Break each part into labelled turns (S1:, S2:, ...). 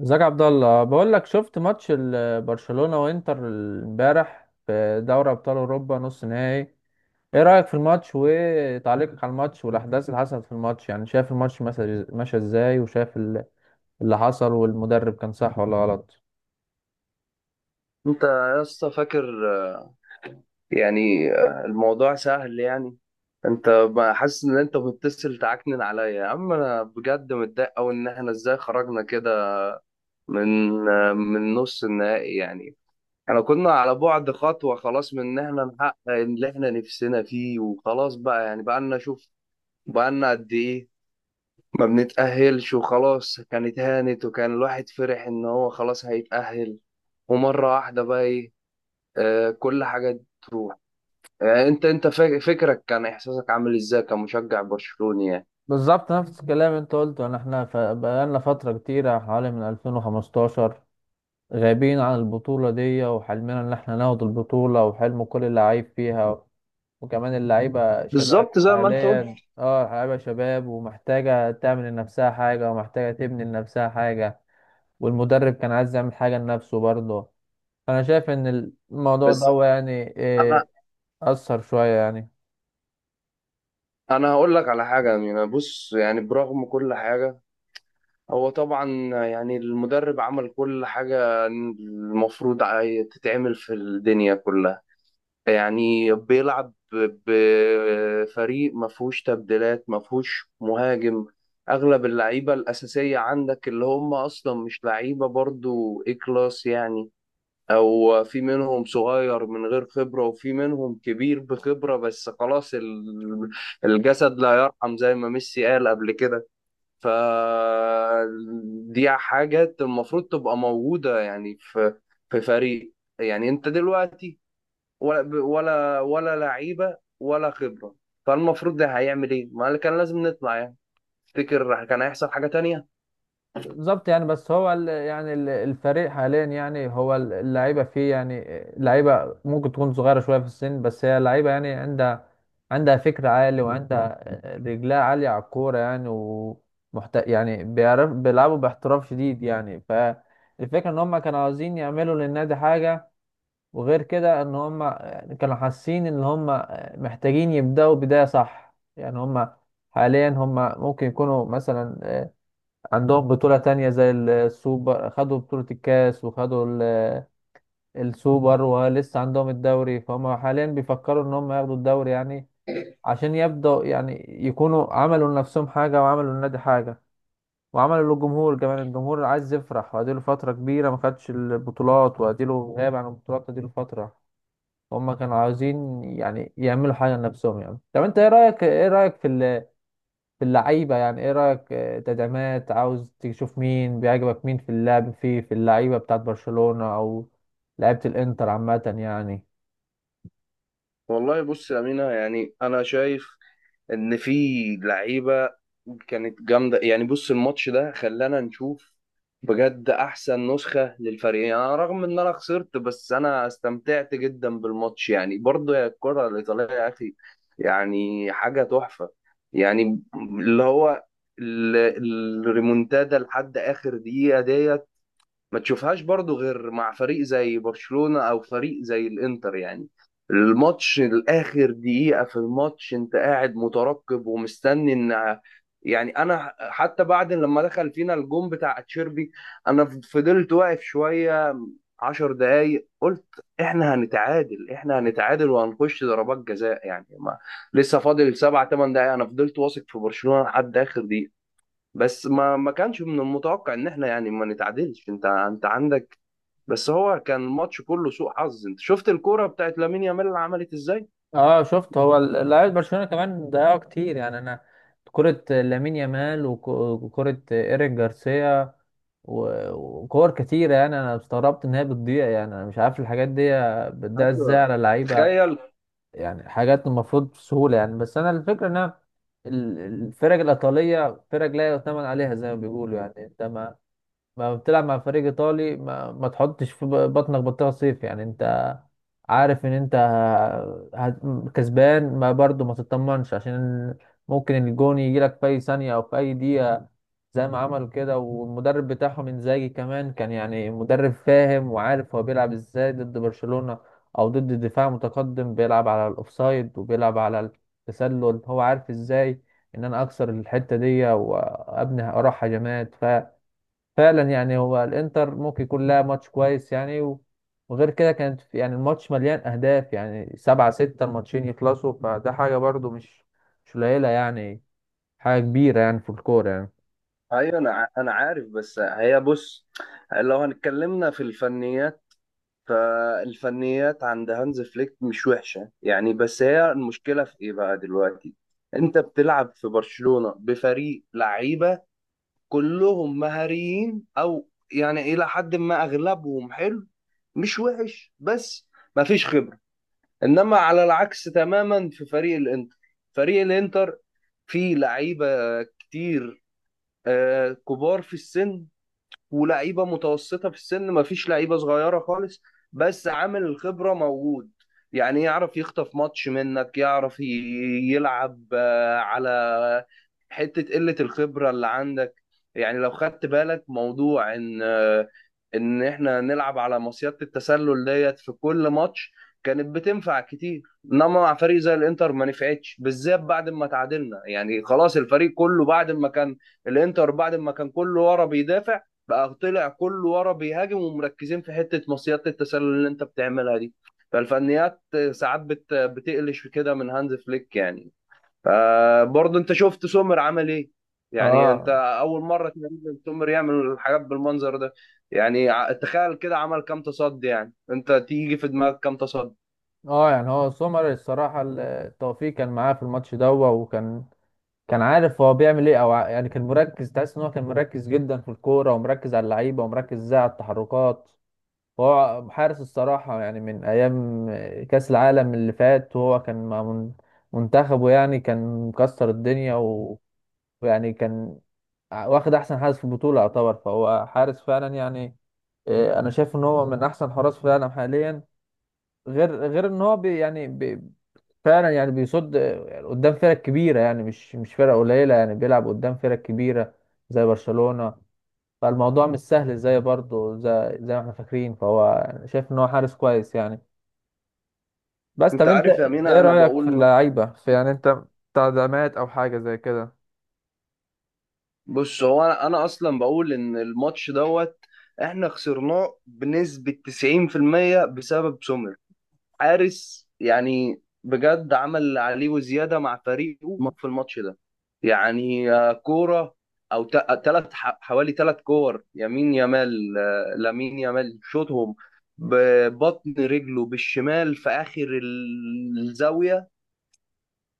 S1: ازيك يا عبد الله؟ بقول لك شفت ماتش برشلونة وانتر امبارح في دوري ابطال اوروبا نص نهائي. ايه رأيك في الماتش وتعليقك على الماتش والاحداث اللي حصلت في الماتش؟ يعني شايف الماتش مثلا ماشي ازاي وشايف اللي حصل، والمدرب كان صح ولا غلط؟
S2: انت يا اسطى فاكر، يعني الموضوع سهل. يعني انت ما حاسس ان انت بتتصل تعكنن عليا يا عم؟ انا بجد متضايق قوي ان احنا ازاي خرجنا كده من من نص النهائي. يعني احنا كنا على بعد خطوة خلاص من ان احنا نحقق اللي احنا نفسنا فيه وخلاص، بقى يعني بقى لنا شوف، بقى لنا قد ايه ما بنتأهلش؟ وخلاص كانت هانت، وكان الواحد فرح ان هو خلاص هيتأهل، ومرة واحدة بقى ايه؟ كل حاجة تروح. يعني فكرك كان احساسك عامل ازاي كمشجع برشلوني يعني؟
S1: بالظبط نفس الكلام انت قلته، ان احنا بقالنا فترة كتيرة حوالي من 2015 غايبين عن البطولة دي، وحلمنا ان احنا ناخد البطولة وحلم كل اللعيب فيها. وكمان اللعيبة شباب
S2: بالظبط زي ما انت قلت.
S1: حاليا، اه اللعيبة شباب ومحتاجة تعمل لنفسها حاجة ومحتاجة تبني لنفسها حاجة. والمدرب كان عايز يعمل حاجة لنفسه برضه. فأنا شايف إن الموضوع
S2: بس
S1: ده يعني إيه،
S2: انا
S1: أثر شوية يعني.
S2: انا هقول لك على حاجه. يعني بص، يعني برغم كل حاجه، هو طبعا يعني المدرب عمل كل حاجه المفروض تتعمل في الدنيا كلها. يعني بيلعب بفريق ما فيهوش تبديلات، ما فيهوش مهاجم. اغلب اللعيبه الاساسيه عندك اللي هم اصلا مش لعيبه برضو ايه كلاس، يعني او في منهم صغير من غير خبرة، وفي منهم كبير بخبرة، بس خلاص الجسد لا يرحم زي ما ميسي قال قبل كده. ف دي حاجات المفروض تبقى موجودة يعني في فريق. يعني انت دلوقتي ولا لعيبة ولا خبرة. فالمفروض ده هيعمل ايه؟ ما كان لازم نطلع يعني. تفتكر كان هيحصل حاجة تانية؟
S1: بالظبط يعني، بس هو الفريق حاليا يعني هو اللعيبه فيه يعني، اللعيبه ممكن تكون صغيره شويه في السن، بس هي لعيبه يعني عندها فكر عالي، وعندها رجلها عاليه على الكوره يعني. يعني بيعرف بيلعبوا باحتراف شديد يعني، فالفكره ان هم كانوا عاوزين يعملوا للنادي حاجه. وغير كده ان هم كانوا حاسين ان هم محتاجين يبداوا بدايه صح يعني. هم حاليا هم ممكن يكونوا مثلا عندهم بطولة تانية زي السوبر، خدوا بطولة الكاس وخدوا السوبر ولسه عندهم الدوري، فهم حاليا بيفكروا ان هم ياخدوا الدوري يعني، عشان يبدأوا يعني يكونوا عملوا لنفسهم حاجة وعملوا للنادي حاجة وعملوا للجمهور كمان. الجمهور عايز يفرح، واديله فترة كبيرة ما خدش البطولات، واديله غاب عن البطولات اديله فترة. هم كانوا عاوزين يعني يعملوا حاجة لنفسهم يعني. طب انت ايه رأيك، ايه رأيك في ال في اللعيبة؟ يعني ايه رأيك، آه، تدعيمات عاوز تشوف؟ مين بيعجبك مين في اللعب في اللعيبة بتاعت برشلونة او لعيبة الانتر عامة يعني؟
S2: والله بص يا أمينة، يعني أنا شايف ان في لعيبه كانت جامده. يعني بص، الماتش ده خلانا نشوف بجد احسن نسخه للفريق. يعني أنا رغم ان انا خسرت، بس انا استمتعت جدا بالماتش، يعني برضه يا الكره الايطاليه يا اخي، يعني حاجه تحفه. يعني اللي هو ال- الريمونتادا لحد اخر دقيقه دي ما تشوفهاش برضو غير مع فريق زي برشلونة او فريق زي الانتر. يعني الماتش الاخر دقيقة في الماتش انت قاعد مترقب ومستني ان... يعني انا حتى بعد لما دخل فينا الجون بتاع تشيربي، انا فضلت واقف شوية 10 دقايق، قلت احنا هنتعادل، احنا هنتعادل وهنخش ضربات جزاء. يعني ما لسه فاضل سبع ثمان دقايق. انا فضلت واثق في برشلونة لحد اخر دقيقة. بس ما كانش من المتوقع ان احنا يعني ما نتعادلش. انت عندك، بس هو كان الماتش كله سوء حظ. انت شفت الكوره بتاعت لامين يامال اللي عملت ازاي؟
S1: اه شفت، هو لعيبة برشلونة كمان ضيعوا كتير يعني. انا كرة لامين يامال وكرة ايريك جارسيا وكور كتيرة، يعني انا استغربت ان هي بتضيع يعني. انا مش عارف الحاجات دي بتضيع ازاي
S2: ايوه،
S1: على لعيبة
S2: تخيل.
S1: يعني، حاجات المفروض بسهولة يعني. بس أنا الفكرة إن أنا الفرق الإيطالية فرق لا يؤتمن عليها زي ما بيقولوا يعني. أنت ما بتلعب مع فريق إيطالي ما تحطش في بطنك بطيخة صيف يعني. أنت عارف ان انت هت- كسبان ما برضو ما تطمنش، عشان ممكن الجون يجي لك في اي ثانية او في اي دقيقة زي ما عملوا كده. والمدرب بتاعهم انزاجي كمان كان يعني مدرب فاهم وعارف هو بيلعب ازاي ضد برشلونة او ضد دفاع متقدم بيلعب على الاوفسايد وبيلعب على التسلل، هو عارف ازاي ان انا اكسر الحتة دي وابني اروح هجمات. فعلا يعني هو الانتر ممكن يكون لها ماتش كويس يعني وغير كده كانت يعني الماتش مليان اهداف يعني سبعة ستة الماتشين يخلصوا، فده حاجة برضو مش قليلة يعني، حاجة كبيرة يعني في الكورة يعني.
S2: ايوه، انا عارف. بس هي بص، لو هنتكلمنا في الفنيات، فالفنيات عند هانز فليك مش وحشه يعني. بس هي المشكله في ايه بقى دلوقتي؟ انت بتلعب في برشلونه بفريق لعيبه كلهم مهاريين او يعني الى حد ما اغلبهم حلو، مش وحش، بس ما فيش خبرة. انما على العكس تماما، في فريق الانتر. فريق الانتر فيه لعيبة كتير، كبار في السن ولعيبة متوسطة في السن، ما فيش لعيبة صغيرة خالص، بس عامل الخبرة موجود. يعني يعرف يخطف ماتش منك، يعرف يلعب على حتة قلة الخبرة اللي عندك. يعني لو خدت بالك موضوع ان ان احنا نلعب على مصيدة التسلل ديت في كل ماتش كانت بتنفع كتير. انما مع فريق زي الانتر ما نفعتش، بالذات بعد ما تعادلنا. يعني خلاص الفريق كله بعد ما كان الانتر بعد ما كان كله ورا بيدافع، بقى طلع كله ورا بيهاجم، ومركزين في حتة مصيدة التسلل اللي انت بتعملها دي. فالفنيات ساعات بتقلش كده من هانز فليك يعني. برضه انت شفت سومر عمل ايه؟ يعني انت
S1: اه.
S2: اول مره تقريبا سومر يعمل الحاجات بالمنظر ده. يعني تخيل كده عمل كام تصدي! يعني انت تيجي في دماغك كام تصدي؟
S1: اه يعني هو سومر الصراحة التوفيق كان معاه في الماتش ده، وكان كان عارف هو بيعمل ايه، او يعني كان مركز، تحس ان هو كان مركز جدا في الكورة، ومركز على اللعيبة، ومركز ازاي على التحركات. هو حارس الصراحة يعني من أيام كأس العالم اللي فات، وهو كان مع منتخبه يعني كان مكسر الدنيا ويعني كان واخد أحسن حارس في البطولة يعتبر، فهو حارس فعلا يعني. آه، أنا شايف إن هو من أحسن حراس في العالم حاليا. غير إن هو بي فعلا يعني بيصد آه، قدام فرق كبيرة يعني مش فرق قليلة يعني، بيلعب قدام فرق كبيرة زي برشلونة، فالموضوع مش سهل زي برضه زي ما احنا فاكرين. فهو شايف ان هو حارس كويس يعني. بس طب
S2: انت
S1: انت
S2: عارف يا
S1: ايه
S2: مينا انا
S1: رأيك في
S2: بقول،
S1: اللعيبة في يعني، انت تعدامات او حاجة زي كده؟
S2: بص، هو انا اصلا بقول ان الماتش دوت احنا خسرناه بنسبه 90% بسبب سومر. حارس يعني بجد عمل اللي عليه وزياده مع فريقه في الماتش ده. يعني كوره او حوالي ثلاث كور يمين يمال آه، لامين يامال شوطهم ببطن رجله بالشمال في اخر الزاويه،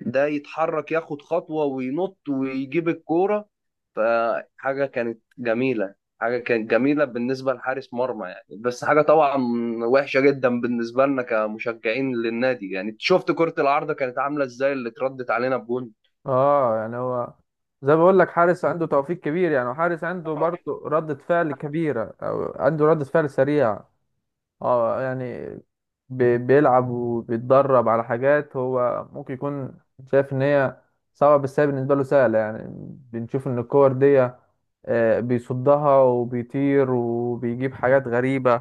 S2: ده يتحرك ياخد خطوة وينط ويجيب الكورة. فحاجة كانت جميلة، حاجة كانت جميلة بالنسبة لحارس مرمى يعني. بس حاجة طبعا وحشة جدا بالنسبة لنا كمشجعين للنادي. يعني شفت كرة العارضة كانت عاملة ازاي اللي اتردت علينا بجون؟
S1: اه يعني هو زي ما بقول لك حارس عنده توفيق كبير يعني، وحارس عنده برضه ردة فعل كبيرة او عنده ردة فعل سريعة. اه يعني بيلعب وبيتدرب على حاجات هو ممكن يكون شايف ان هي صعبة، بس هي بالنسبة له سهلة يعني. بنشوف ان الكور دي آه، بيصدها وبيطير وبيجيب حاجات غريبة،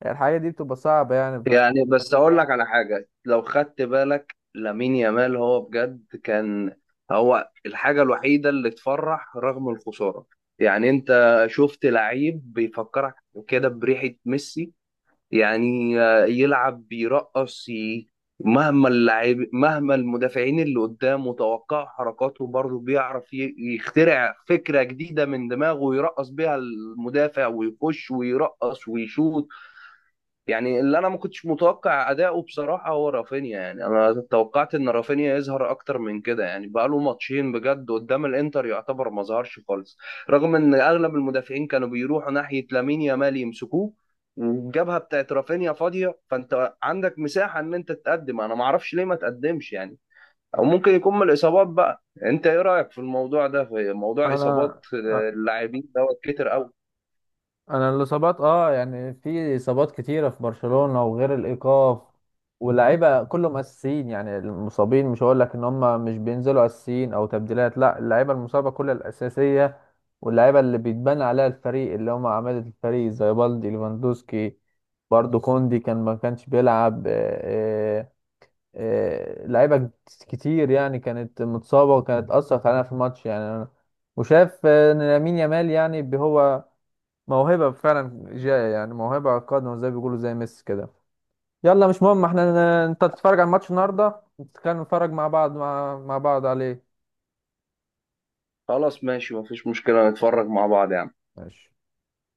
S1: يعني الحاجة دي بتبقى صعبة يعني. بس
S2: يعني بس اقول لك على حاجه، لو خدت بالك لامين يامال هو بجد كان هو الحاجه الوحيده اللي تفرح رغم الخساره. يعني انت شفت لعيب بيفكرك كده بريحه ميسي؟ يعني يلعب بيرقص، مهما المدافعين اللي قدامه توقعوا حركاته، برضه بيعرف يخترع فكره جديده من دماغه ويرقص بيها المدافع ويخش ويرقص ويشوط. يعني اللي انا ما كنتش متوقع اداؤه بصراحه هو رافينيا. يعني انا توقعت ان رافينيا يظهر اكتر من كده. يعني بقى له ماتشين بجد قدام الانتر يعتبر ما ظهرش خالص، رغم ان اغلب المدافعين كانوا بيروحوا ناحيه لامين يامال يمسكوه، والجبهه بتاعت رافينيا فاضيه، فانت عندك مساحه ان انت تقدم. انا ما اعرفش ليه ما تقدمش يعني. او ممكن يكون من الاصابات بقى. انت ايه رايك في الموضوع ده في موضوع اصابات
S1: انا
S2: اللاعبين دوت كتر قوي؟
S1: انا الاصابات، اه يعني في اصابات كتيره في برشلونه وغير الايقاف، واللعيبه كلهم اساسيين يعني. المصابين مش هقول لك ان هم مش بينزلوا اساسيين او تبديلات، لا، اللعيبه المصابه كلها الاساسيه واللعيبه اللي بيتبنى عليها الفريق اللي هم عماده الفريق زي بالدي ليفاندوسكي، برضو كوندي كان ما كانش بيلعب، آه، لعيبه كتير يعني كانت متصابه وكانت اثر علينا في الماتش يعني. وشاف آه، ان لامين يامال يعني هو موهبة فعلا جاية يعني، موهبة قادمة زي بيقولوا زي ميسي كده. يلا مش مهم، احنا انت تتفرج على الماتش النهارده، نتكلم نتفرج مع بعض مع بعض عليه.
S2: خلاص ماشي، مفيش مشكله، نتفرج مع بعض يعني.
S1: ماشي.